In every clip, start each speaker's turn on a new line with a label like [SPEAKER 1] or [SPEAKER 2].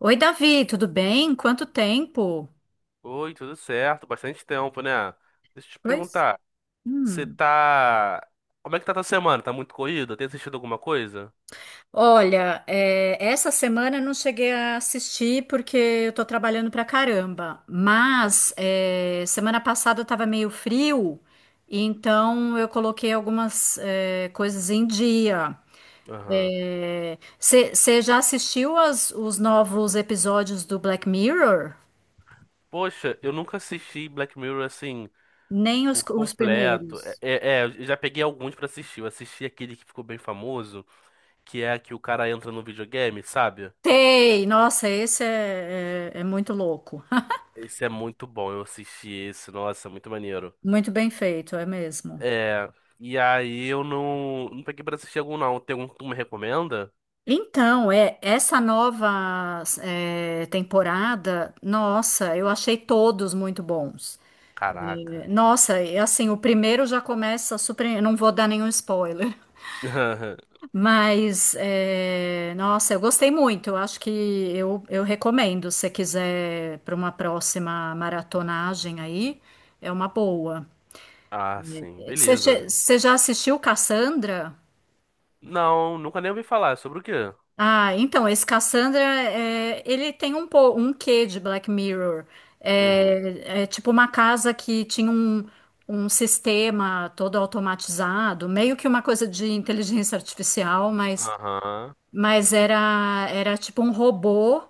[SPEAKER 1] Oi, Davi, tudo bem? Quanto tempo?
[SPEAKER 2] Oi, tudo certo? Bastante tempo, né? Deixa eu te
[SPEAKER 1] Pois.
[SPEAKER 2] perguntar, você
[SPEAKER 1] Hum.
[SPEAKER 2] tá... Como é que tá tua semana? Tá muito corrida? Tem assistido alguma coisa?
[SPEAKER 1] Olha, essa semana eu não cheguei a assistir porque eu tô trabalhando pra caramba. Mas
[SPEAKER 2] Uhum.
[SPEAKER 1] semana passada tava meio frio, e então eu coloquei algumas coisas em dia.
[SPEAKER 2] Aham.
[SPEAKER 1] Você já assistiu os novos episódios do Black Mirror?
[SPEAKER 2] Poxa, eu nunca assisti Black Mirror assim,
[SPEAKER 1] Nem
[SPEAKER 2] por
[SPEAKER 1] os
[SPEAKER 2] completo.
[SPEAKER 1] primeiros.
[SPEAKER 2] Eu já peguei alguns pra assistir. Eu assisti aquele que ficou bem famoso, que é a que o cara entra no videogame, sabe?
[SPEAKER 1] Sei, nossa, esse é muito louco.
[SPEAKER 2] Esse é muito bom, eu assisti esse, nossa, muito maneiro.
[SPEAKER 1] Muito bem feito, é mesmo.
[SPEAKER 2] É, e aí eu não peguei pra assistir algum não. Tem algum que tu me recomenda?
[SPEAKER 1] Então, essa nova temporada, nossa, eu achei todos muito bons.
[SPEAKER 2] Caraca.
[SPEAKER 1] Nossa, e assim, o primeiro já começa super. Eu Não vou dar nenhum spoiler, mas nossa, eu gostei muito. Eu acho que eu recomendo, se você quiser, para uma próxima maratonagem aí, é uma boa.
[SPEAKER 2] Ah, sim, beleza.
[SPEAKER 1] Você já assistiu Cassandra?
[SPEAKER 2] Não, nunca nem ouvi falar. Sobre o quê?
[SPEAKER 1] Ah, então, esse Cassandra, é, ele tem um quê de Black Mirror.
[SPEAKER 2] Uhum.
[SPEAKER 1] É, é tipo uma casa que tinha um, um sistema todo automatizado, meio que uma coisa de inteligência artificial, mas,
[SPEAKER 2] Aham.
[SPEAKER 1] era tipo um robô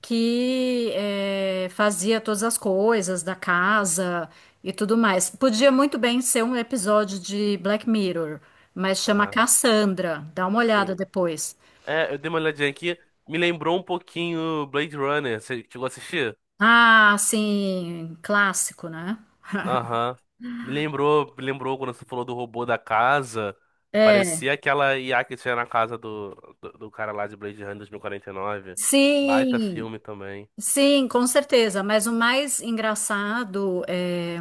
[SPEAKER 1] que fazia todas as coisas da casa e tudo mais. Podia muito bem ser um episódio de Black Mirror, mas chama
[SPEAKER 2] Aham.
[SPEAKER 1] Cassandra. Dá uma olhada
[SPEAKER 2] Sim.
[SPEAKER 1] depois.
[SPEAKER 2] É, eu dei uma olhadinha aqui. Me lembrou um pouquinho Blade Runner. Você chegou a assistir?
[SPEAKER 1] Ah, sim, clássico, né?
[SPEAKER 2] Aham. Me lembrou quando você falou do robô da casa.
[SPEAKER 1] É,
[SPEAKER 2] Parecia aquela IA que tinha na casa do cara lá de Blade Runner 2049. Baita
[SPEAKER 1] sim.
[SPEAKER 2] filme também.
[SPEAKER 1] Sim, com certeza, mas o mais engraçado é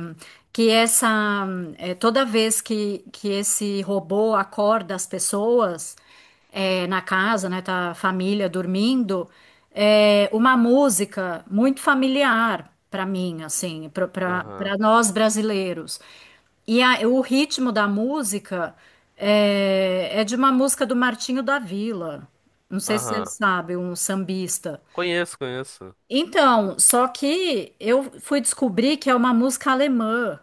[SPEAKER 1] que essa toda vez que esse robô acorda as pessoas na casa, né, tá a família dormindo, é uma música muito familiar para mim, assim, para
[SPEAKER 2] Aham.
[SPEAKER 1] nós brasileiros. E o ritmo da música é de uma música do Martinho da Vila. Não sei se você
[SPEAKER 2] Aham.
[SPEAKER 1] sabe, um sambista.
[SPEAKER 2] Conheço, conheço.
[SPEAKER 1] Então, só que eu fui descobrir que é uma música alemã.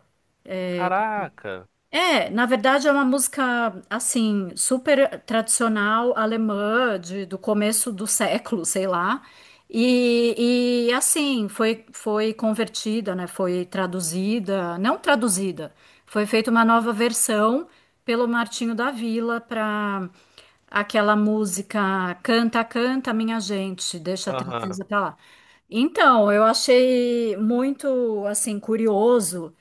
[SPEAKER 2] Caraca.
[SPEAKER 1] É, na verdade é uma música assim super tradicional alemã do começo do século, sei lá. E assim foi convertida, né? Foi traduzida, não traduzida, foi feita uma nova versão pelo Martinho da Vila para aquela música Canta, canta, minha gente, deixa a
[SPEAKER 2] Aham.
[SPEAKER 1] tristeza pra lá. Então, eu achei muito assim curioso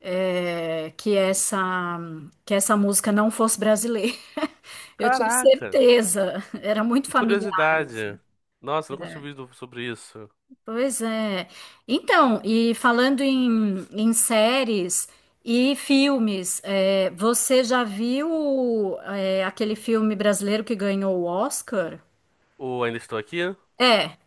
[SPEAKER 1] é, que essa que essa música não fosse brasileira. Eu tinha
[SPEAKER 2] Caraca.
[SPEAKER 1] certeza, era muito
[SPEAKER 2] E
[SPEAKER 1] familiar, assim.
[SPEAKER 2] curiosidade. Nossa, nunca tinha
[SPEAKER 1] É,
[SPEAKER 2] ouvido sobre isso.
[SPEAKER 1] pois é. Então, e falando em, em séries e filmes, você já viu aquele filme brasileiro que ganhou o Oscar?
[SPEAKER 2] Ou Ainda Estou Aqui?
[SPEAKER 1] É.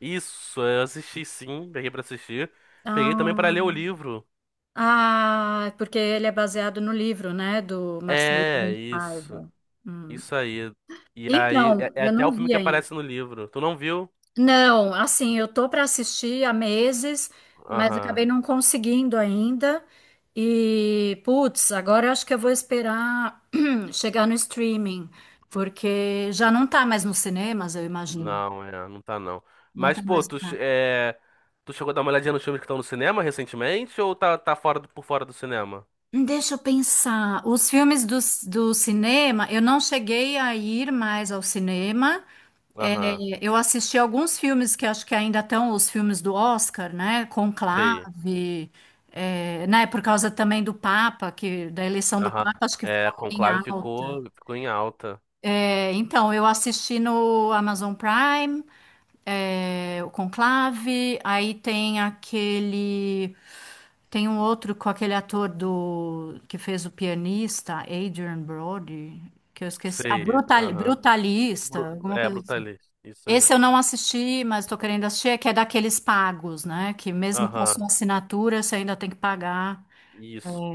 [SPEAKER 2] Isso, eu assisti sim, peguei pra assistir. Peguei também
[SPEAKER 1] Ah,
[SPEAKER 2] pra ler o livro.
[SPEAKER 1] ah, porque ele é baseado no livro, né, do Marcelo Rebelo
[SPEAKER 2] É,
[SPEAKER 1] de
[SPEAKER 2] isso.
[SPEAKER 1] Paiva. Hum.
[SPEAKER 2] Isso aí. E aí, é,
[SPEAKER 1] Então,
[SPEAKER 2] é
[SPEAKER 1] eu
[SPEAKER 2] até
[SPEAKER 1] não
[SPEAKER 2] o filme
[SPEAKER 1] vi
[SPEAKER 2] que
[SPEAKER 1] ainda.
[SPEAKER 2] aparece no livro. Tu não viu?
[SPEAKER 1] Não, assim, eu tô para assistir há meses, mas
[SPEAKER 2] Aham.
[SPEAKER 1] acabei não conseguindo ainda. E, putz, agora eu acho que eu vou esperar chegar no streaming, porque já não tá mais nos cinemas, eu imagino.
[SPEAKER 2] Não, é, não tá não.
[SPEAKER 1] Não
[SPEAKER 2] Mas,
[SPEAKER 1] tá
[SPEAKER 2] pô,
[SPEAKER 1] mais.
[SPEAKER 2] tu,
[SPEAKER 1] Tá.
[SPEAKER 2] é, tu chegou a dar uma olhadinha nos filmes que estão no cinema recentemente ou tá, por fora do cinema?
[SPEAKER 1] Deixa eu pensar. Os filmes do cinema, eu não cheguei a ir mais ao cinema. É,
[SPEAKER 2] Aham,
[SPEAKER 1] eu assisti alguns filmes que acho que ainda estão os filmes do Oscar, né?
[SPEAKER 2] sei.
[SPEAKER 1] Conclave, é, né? Por causa também do Papa, que da eleição do
[SPEAKER 2] Aham.
[SPEAKER 1] Papa, acho que
[SPEAKER 2] É,
[SPEAKER 1] ficou em
[SPEAKER 2] Conclave
[SPEAKER 1] alta.
[SPEAKER 2] ficou, ficou em alta.
[SPEAKER 1] É, então, eu assisti no Amazon Prime, é, o Conclave, aí tem aquele. Tem um outro com aquele ator do que fez o pianista, Adrian Brody, que eu esqueci. Ah,
[SPEAKER 2] Sei. Aham.
[SPEAKER 1] Brutalista, alguma
[SPEAKER 2] É,
[SPEAKER 1] coisa assim.
[SPEAKER 2] Brutalist. Isso aí.
[SPEAKER 1] Esse eu não assisti, mas estou querendo assistir, é que é daqueles pagos, né? Que mesmo com a
[SPEAKER 2] Aham.
[SPEAKER 1] sua assinatura, você ainda tem que pagar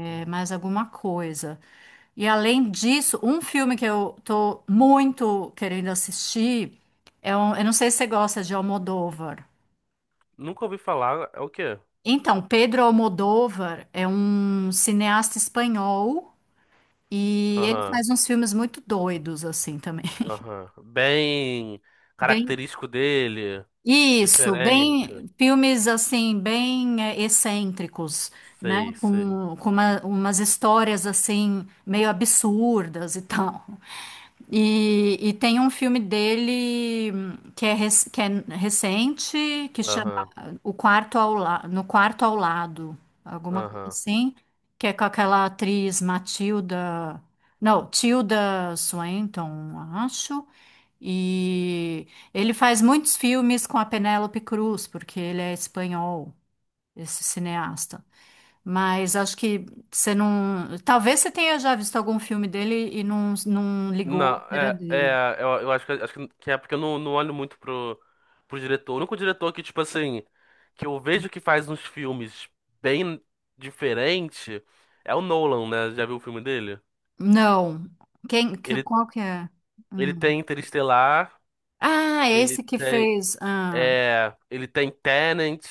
[SPEAKER 1] mais alguma coisa. E além disso, um filme que eu tô muito querendo assistir é um, eu não sei se você gosta de Almodóvar.
[SPEAKER 2] Nunca ouvi falar. É o quê?
[SPEAKER 1] Então, Pedro Almodóvar é um cineasta espanhol e ele
[SPEAKER 2] Aham.
[SPEAKER 1] faz uns filmes muito doidos assim também.
[SPEAKER 2] Aham. Bem
[SPEAKER 1] Bem.
[SPEAKER 2] característico dele.
[SPEAKER 1] Isso,
[SPEAKER 2] Diferente.
[SPEAKER 1] bem, filmes assim, bem excêntricos, né?
[SPEAKER 2] Sei, sei.
[SPEAKER 1] Com umas histórias assim, meio absurdas e tal. E tem um filme dele que que é recente, que chama
[SPEAKER 2] Aham.
[SPEAKER 1] o quarto ao la... No quarto ao lado, alguma coisa
[SPEAKER 2] Aham.
[SPEAKER 1] assim, que é com aquela atriz Matilda. Não, Tilda Swinton, acho. E ele faz muitos filmes com a Penélope Cruz, porque ele é espanhol, esse cineasta. Mas acho que você não. Talvez você tenha já visto algum filme dele e não
[SPEAKER 2] Não,
[SPEAKER 1] ligou que era
[SPEAKER 2] é,
[SPEAKER 1] dele.
[SPEAKER 2] é, eu acho que, acho que é porque eu não olho muito pro, pro diretor. O único diretor que, tipo assim, que eu vejo que faz uns filmes bem diferente é o Nolan, né? Já viu o filme dele?
[SPEAKER 1] Não. Quem,
[SPEAKER 2] Ele,
[SPEAKER 1] qual que é?
[SPEAKER 2] ele
[SPEAKER 1] Hum.
[SPEAKER 2] tem Interestelar.
[SPEAKER 1] Ah,
[SPEAKER 2] Ele
[SPEAKER 1] esse que
[SPEAKER 2] tem,
[SPEAKER 1] fez. Ah,
[SPEAKER 2] é, ele tem Tenant,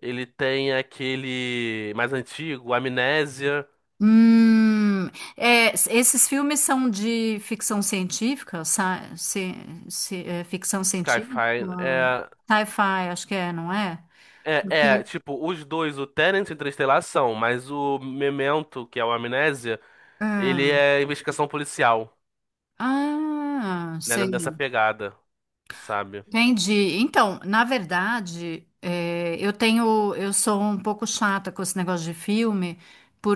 [SPEAKER 2] ele tem aquele mais antigo, Amnésia,
[SPEAKER 1] hum, esses filmes são de ficção científica, ci- ficção científica,
[SPEAKER 2] Skyfire.
[SPEAKER 1] sci-fi, acho que é, não é?
[SPEAKER 2] É,
[SPEAKER 1] Porque-
[SPEAKER 2] tipo, os dois, o Tenant e Interestelar são, mas o Memento, que é o Amnésia, ele
[SPEAKER 1] ah,
[SPEAKER 2] é investigação policial,
[SPEAKER 1] ah,
[SPEAKER 2] né, nessa
[SPEAKER 1] sei,
[SPEAKER 2] pegada, sabe?
[SPEAKER 1] entendi. Então, na verdade, eu tenho, eu sou um pouco chata com esse negócio de filme,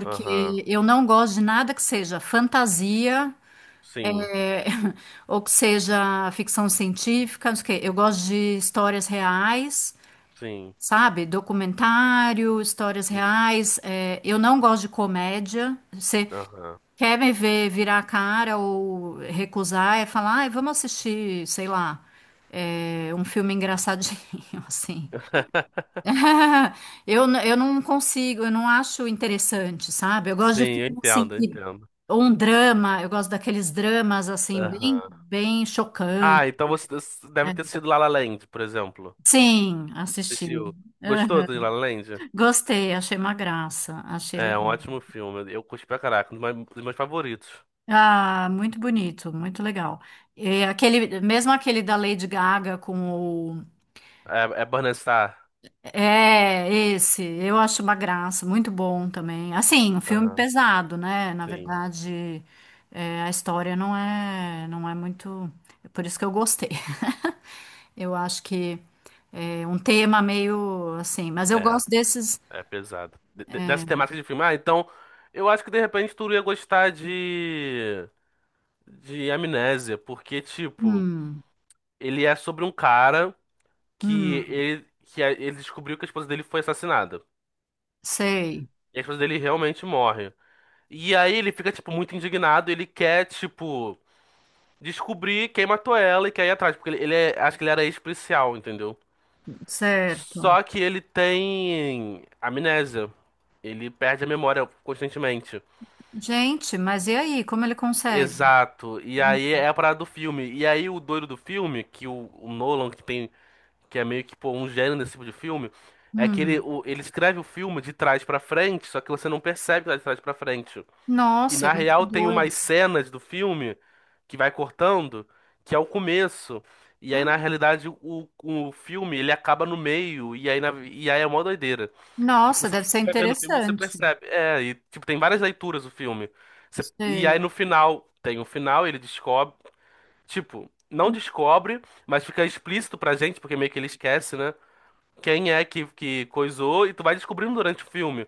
[SPEAKER 2] Aham.
[SPEAKER 1] eu não gosto de nada que seja fantasia,
[SPEAKER 2] Sim,
[SPEAKER 1] é, ou que seja ficção científica, não sei o quê. Eu gosto de histórias reais.
[SPEAKER 2] sim,
[SPEAKER 1] Sabe, documentário, histórias
[SPEAKER 2] sim.
[SPEAKER 1] reais. É, eu não gosto de comédia. Você
[SPEAKER 2] Aham.
[SPEAKER 1] quer me ver virar a cara ou recusar, é falar, ai, vamos assistir, sei lá, um filme engraçadinho, assim. Eu não consigo, eu não acho interessante, sabe? Eu gosto de
[SPEAKER 2] Sim, eu
[SPEAKER 1] filme assim,
[SPEAKER 2] entendo, eu
[SPEAKER 1] que,
[SPEAKER 2] entendo.
[SPEAKER 1] ou um drama, eu gosto daqueles dramas assim, bem,
[SPEAKER 2] Aham.
[SPEAKER 1] bem chocantes.
[SPEAKER 2] Ah, então você deve
[SPEAKER 1] Né?
[SPEAKER 2] ter sido La La Land, por exemplo.
[SPEAKER 1] Sim, assisti.
[SPEAKER 2] Assistiu. Gostou
[SPEAKER 1] Aham.
[SPEAKER 2] do La La Land?
[SPEAKER 1] Gostei, achei uma graça, achei
[SPEAKER 2] É um
[SPEAKER 1] legal.
[SPEAKER 2] ótimo filme. Eu curti pra caraca, um dos meus favoritos.
[SPEAKER 1] Ah, muito bonito, muito legal. É, aquele, mesmo aquele da Lady Gaga com o.
[SPEAKER 2] É, é Burning Star.
[SPEAKER 1] É, esse, eu acho uma graça, muito bom também. Assim, um filme
[SPEAKER 2] Aham,
[SPEAKER 1] pesado, né? Na
[SPEAKER 2] sim.
[SPEAKER 1] verdade, a história não é, não é muito. É por isso que eu gostei. Eu acho que é um tema meio assim, mas eu
[SPEAKER 2] É,
[SPEAKER 1] gosto desses.
[SPEAKER 2] é pesado. Dessa
[SPEAKER 1] É,
[SPEAKER 2] temática de filme. Ah, então, eu acho que de repente tu ia gostar de. De Amnésia, porque, tipo,
[SPEAKER 1] hum,
[SPEAKER 2] ele é sobre um cara que
[SPEAKER 1] hum,
[SPEAKER 2] ele descobriu que a esposa dele foi assassinada.
[SPEAKER 1] sei,
[SPEAKER 2] E a esposa dele realmente morre. E aí ele fica, tipo, muito indignado. Ele quer, tipo. Descobrir quem matou ela e quer ir atrás, porque ele é, acho que ele era ex-policial, entendeu?
[SPEAKER 1] certo.
[SPEAKER 2] Só que ele tem amnésia. Ele perde a memória constantemente.
[SPEAKER 1] Gente, mas e aí, como ele consegue?
[SPEAKER 2] Exato. E aí é a parada do filme. E aí o doido do filme, que o Nolan, que tem, que é meio que pô, um gênio desse tipo de filme, é que ele,
[SPEAKER 1] Hum.
[SPEAKER 2] ele escreve o filme de trás pra frente, só que você não percebe que tá de trás pra frente. E
[SPEAKER 1] Nossa,
[SPEAKER 2] na
[SPEAKER 1] mas que
[SPEAKER 2] real tem
[SPEAKER 1] doido.
[SPEAKER 2] umas cenas do filme que vai cortando, que é o começo. E aí, na realidade, o filme ele acaba no meio, e aí, e aí é uma doideira. E
[SPEAKER 1] Nossa,
[SPEAKER 2] você
[SPEAKER 1] deve ser
[SPEAKER 2] vai vendo o filme, você
[SPEAKER 1] interessante.
[SPEAKER 2] percebe. É, e tipo, tem várias leituras o filme. E aí
[SPEAKER 1] Sei.
[SPEAKER 2] no final, tem o final, ele descobre. Tipo, não descobre, mas fica explícito pra gente, porque meio que ele esquece, né? Quem é que coisou, e tu vai descobrindo durante o filme.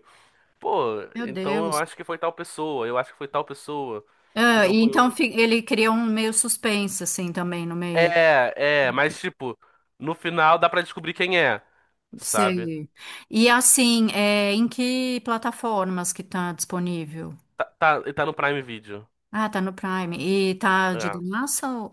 [SPEAKER 2] Pô,
[SPEAKER 1] Meu
[SPEAKER 2] então eu
[SPEAKER 1] Deus.
[SPEAKER 2] acho que foi tal pessoa, eu acho que foi tal pessoa.
[SPEAKER 1] Ah,
[SPEAKER 2] Então
[SPEAKER 1] e
[SPEAKER 2] foi
[SPEAKER 1] então
[SPEAKER 2] o.
[SPEAKER 1] ele cria um meio suspense, assim, também, no meio.
[SPEAKER 2] Mas tipo, no final dá pra descobrir quem é, sabe?
[SPEAKER 1] Sei. E
[SPEAKER 2] E
[SPEAKER 1] assim, é, em que plataformas que tá disponível?
[SPEAKER 2] Tá, tá, e tá no Prime Video.
[SPEAKER 1] Ah, tá no Prime. E tá de
[SPEAKER 2] É.
[SPEAKER 1] graça? Ou-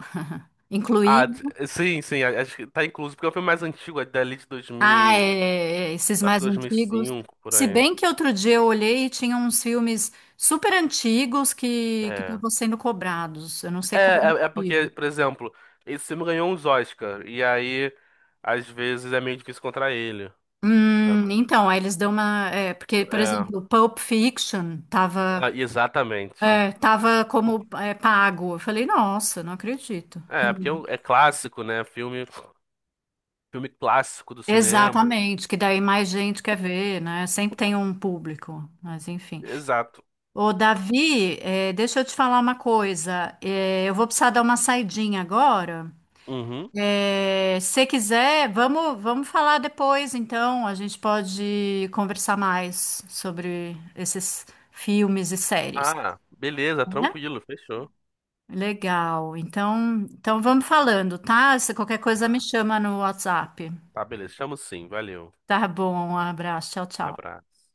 [SPEAKER 1] incluído?
[SPEAKER 2] Sim, sim, acho que tá incluso, porque é um filme mais antigo, é dali de 2000
[SPEAKER 1] Ah,
[SPEAKER 2] e...
[SPEAKER 1] é, é, é, esses
[SPEAKER 2] Acho que
[SPEAKER 1] mais antigos.
[SPEAKER 2] 2005, por
[SPEAKER 1] Se
[SPEAKER 2] aí.
[SPEAKER 1] bem que outro dia eu olhei e tinha uns filmes super antigos que
[SPEAKER 2] É.
[SPEAKER 1] estavam sendo cobrados. Eu não sei
[SPEAKER 2] É,
[SPEAKER 1] qual o
[SPEAKER 2] é porque,
[SPEAKER 1] motivo.
[SPEAKER 2] por exemplo, esse filme ganhou uns Oscar, e aí, às vezes, é meio difícil encontrar ele, sabe?
[SPEAKER 1] Então, aí eles dão uma. É, porque, por
[SPEAKER 2] É,
[SPEAKER 1] exemplo, Pulp Fiction tava,
[SPEAKER 2] ah, exatamente.
[SPEAKER 1] tava como pago. Eu falei, nossa, não acredito.
[SPEAKER 2] É, porque é é clássico, né? Filme, filme clássico do cinema.
[SPEAKER 1] Exatamente, que daí mais gente quer ver, né? Sempre tem um público, mas enfim.
[SPEAKER 2] Exato.
[SPEAKER 1] Ô, Davi, deixa eu te falar uma coisa. Eu vou precisar dar uma saidinha agora.
[SPEAKER 2] Uhum.
[SPEAKER 1] Se quiser, vamos falar depois, então. A gente pode conversar mais sobre esses filmes e séries,
[SPEAKER 2] Ah, beleza,
[SPEAKER 1] né?
[SPEAKER 2] tranquilo, fechou.
[SPEAKER 1] Legal. Então, então vamos falando, tá? Se qualquer coisa me
[SPEAKER 2] Tá,
[SPEAKER 1] chama no WhatsApp.
[SPEAKER 2] tá, beleza. Chamo sim, valeu.
[SPEAKER 1] Tá bom, um abraço. Tchau, tchau.
[SPEAKER 2] Abraço.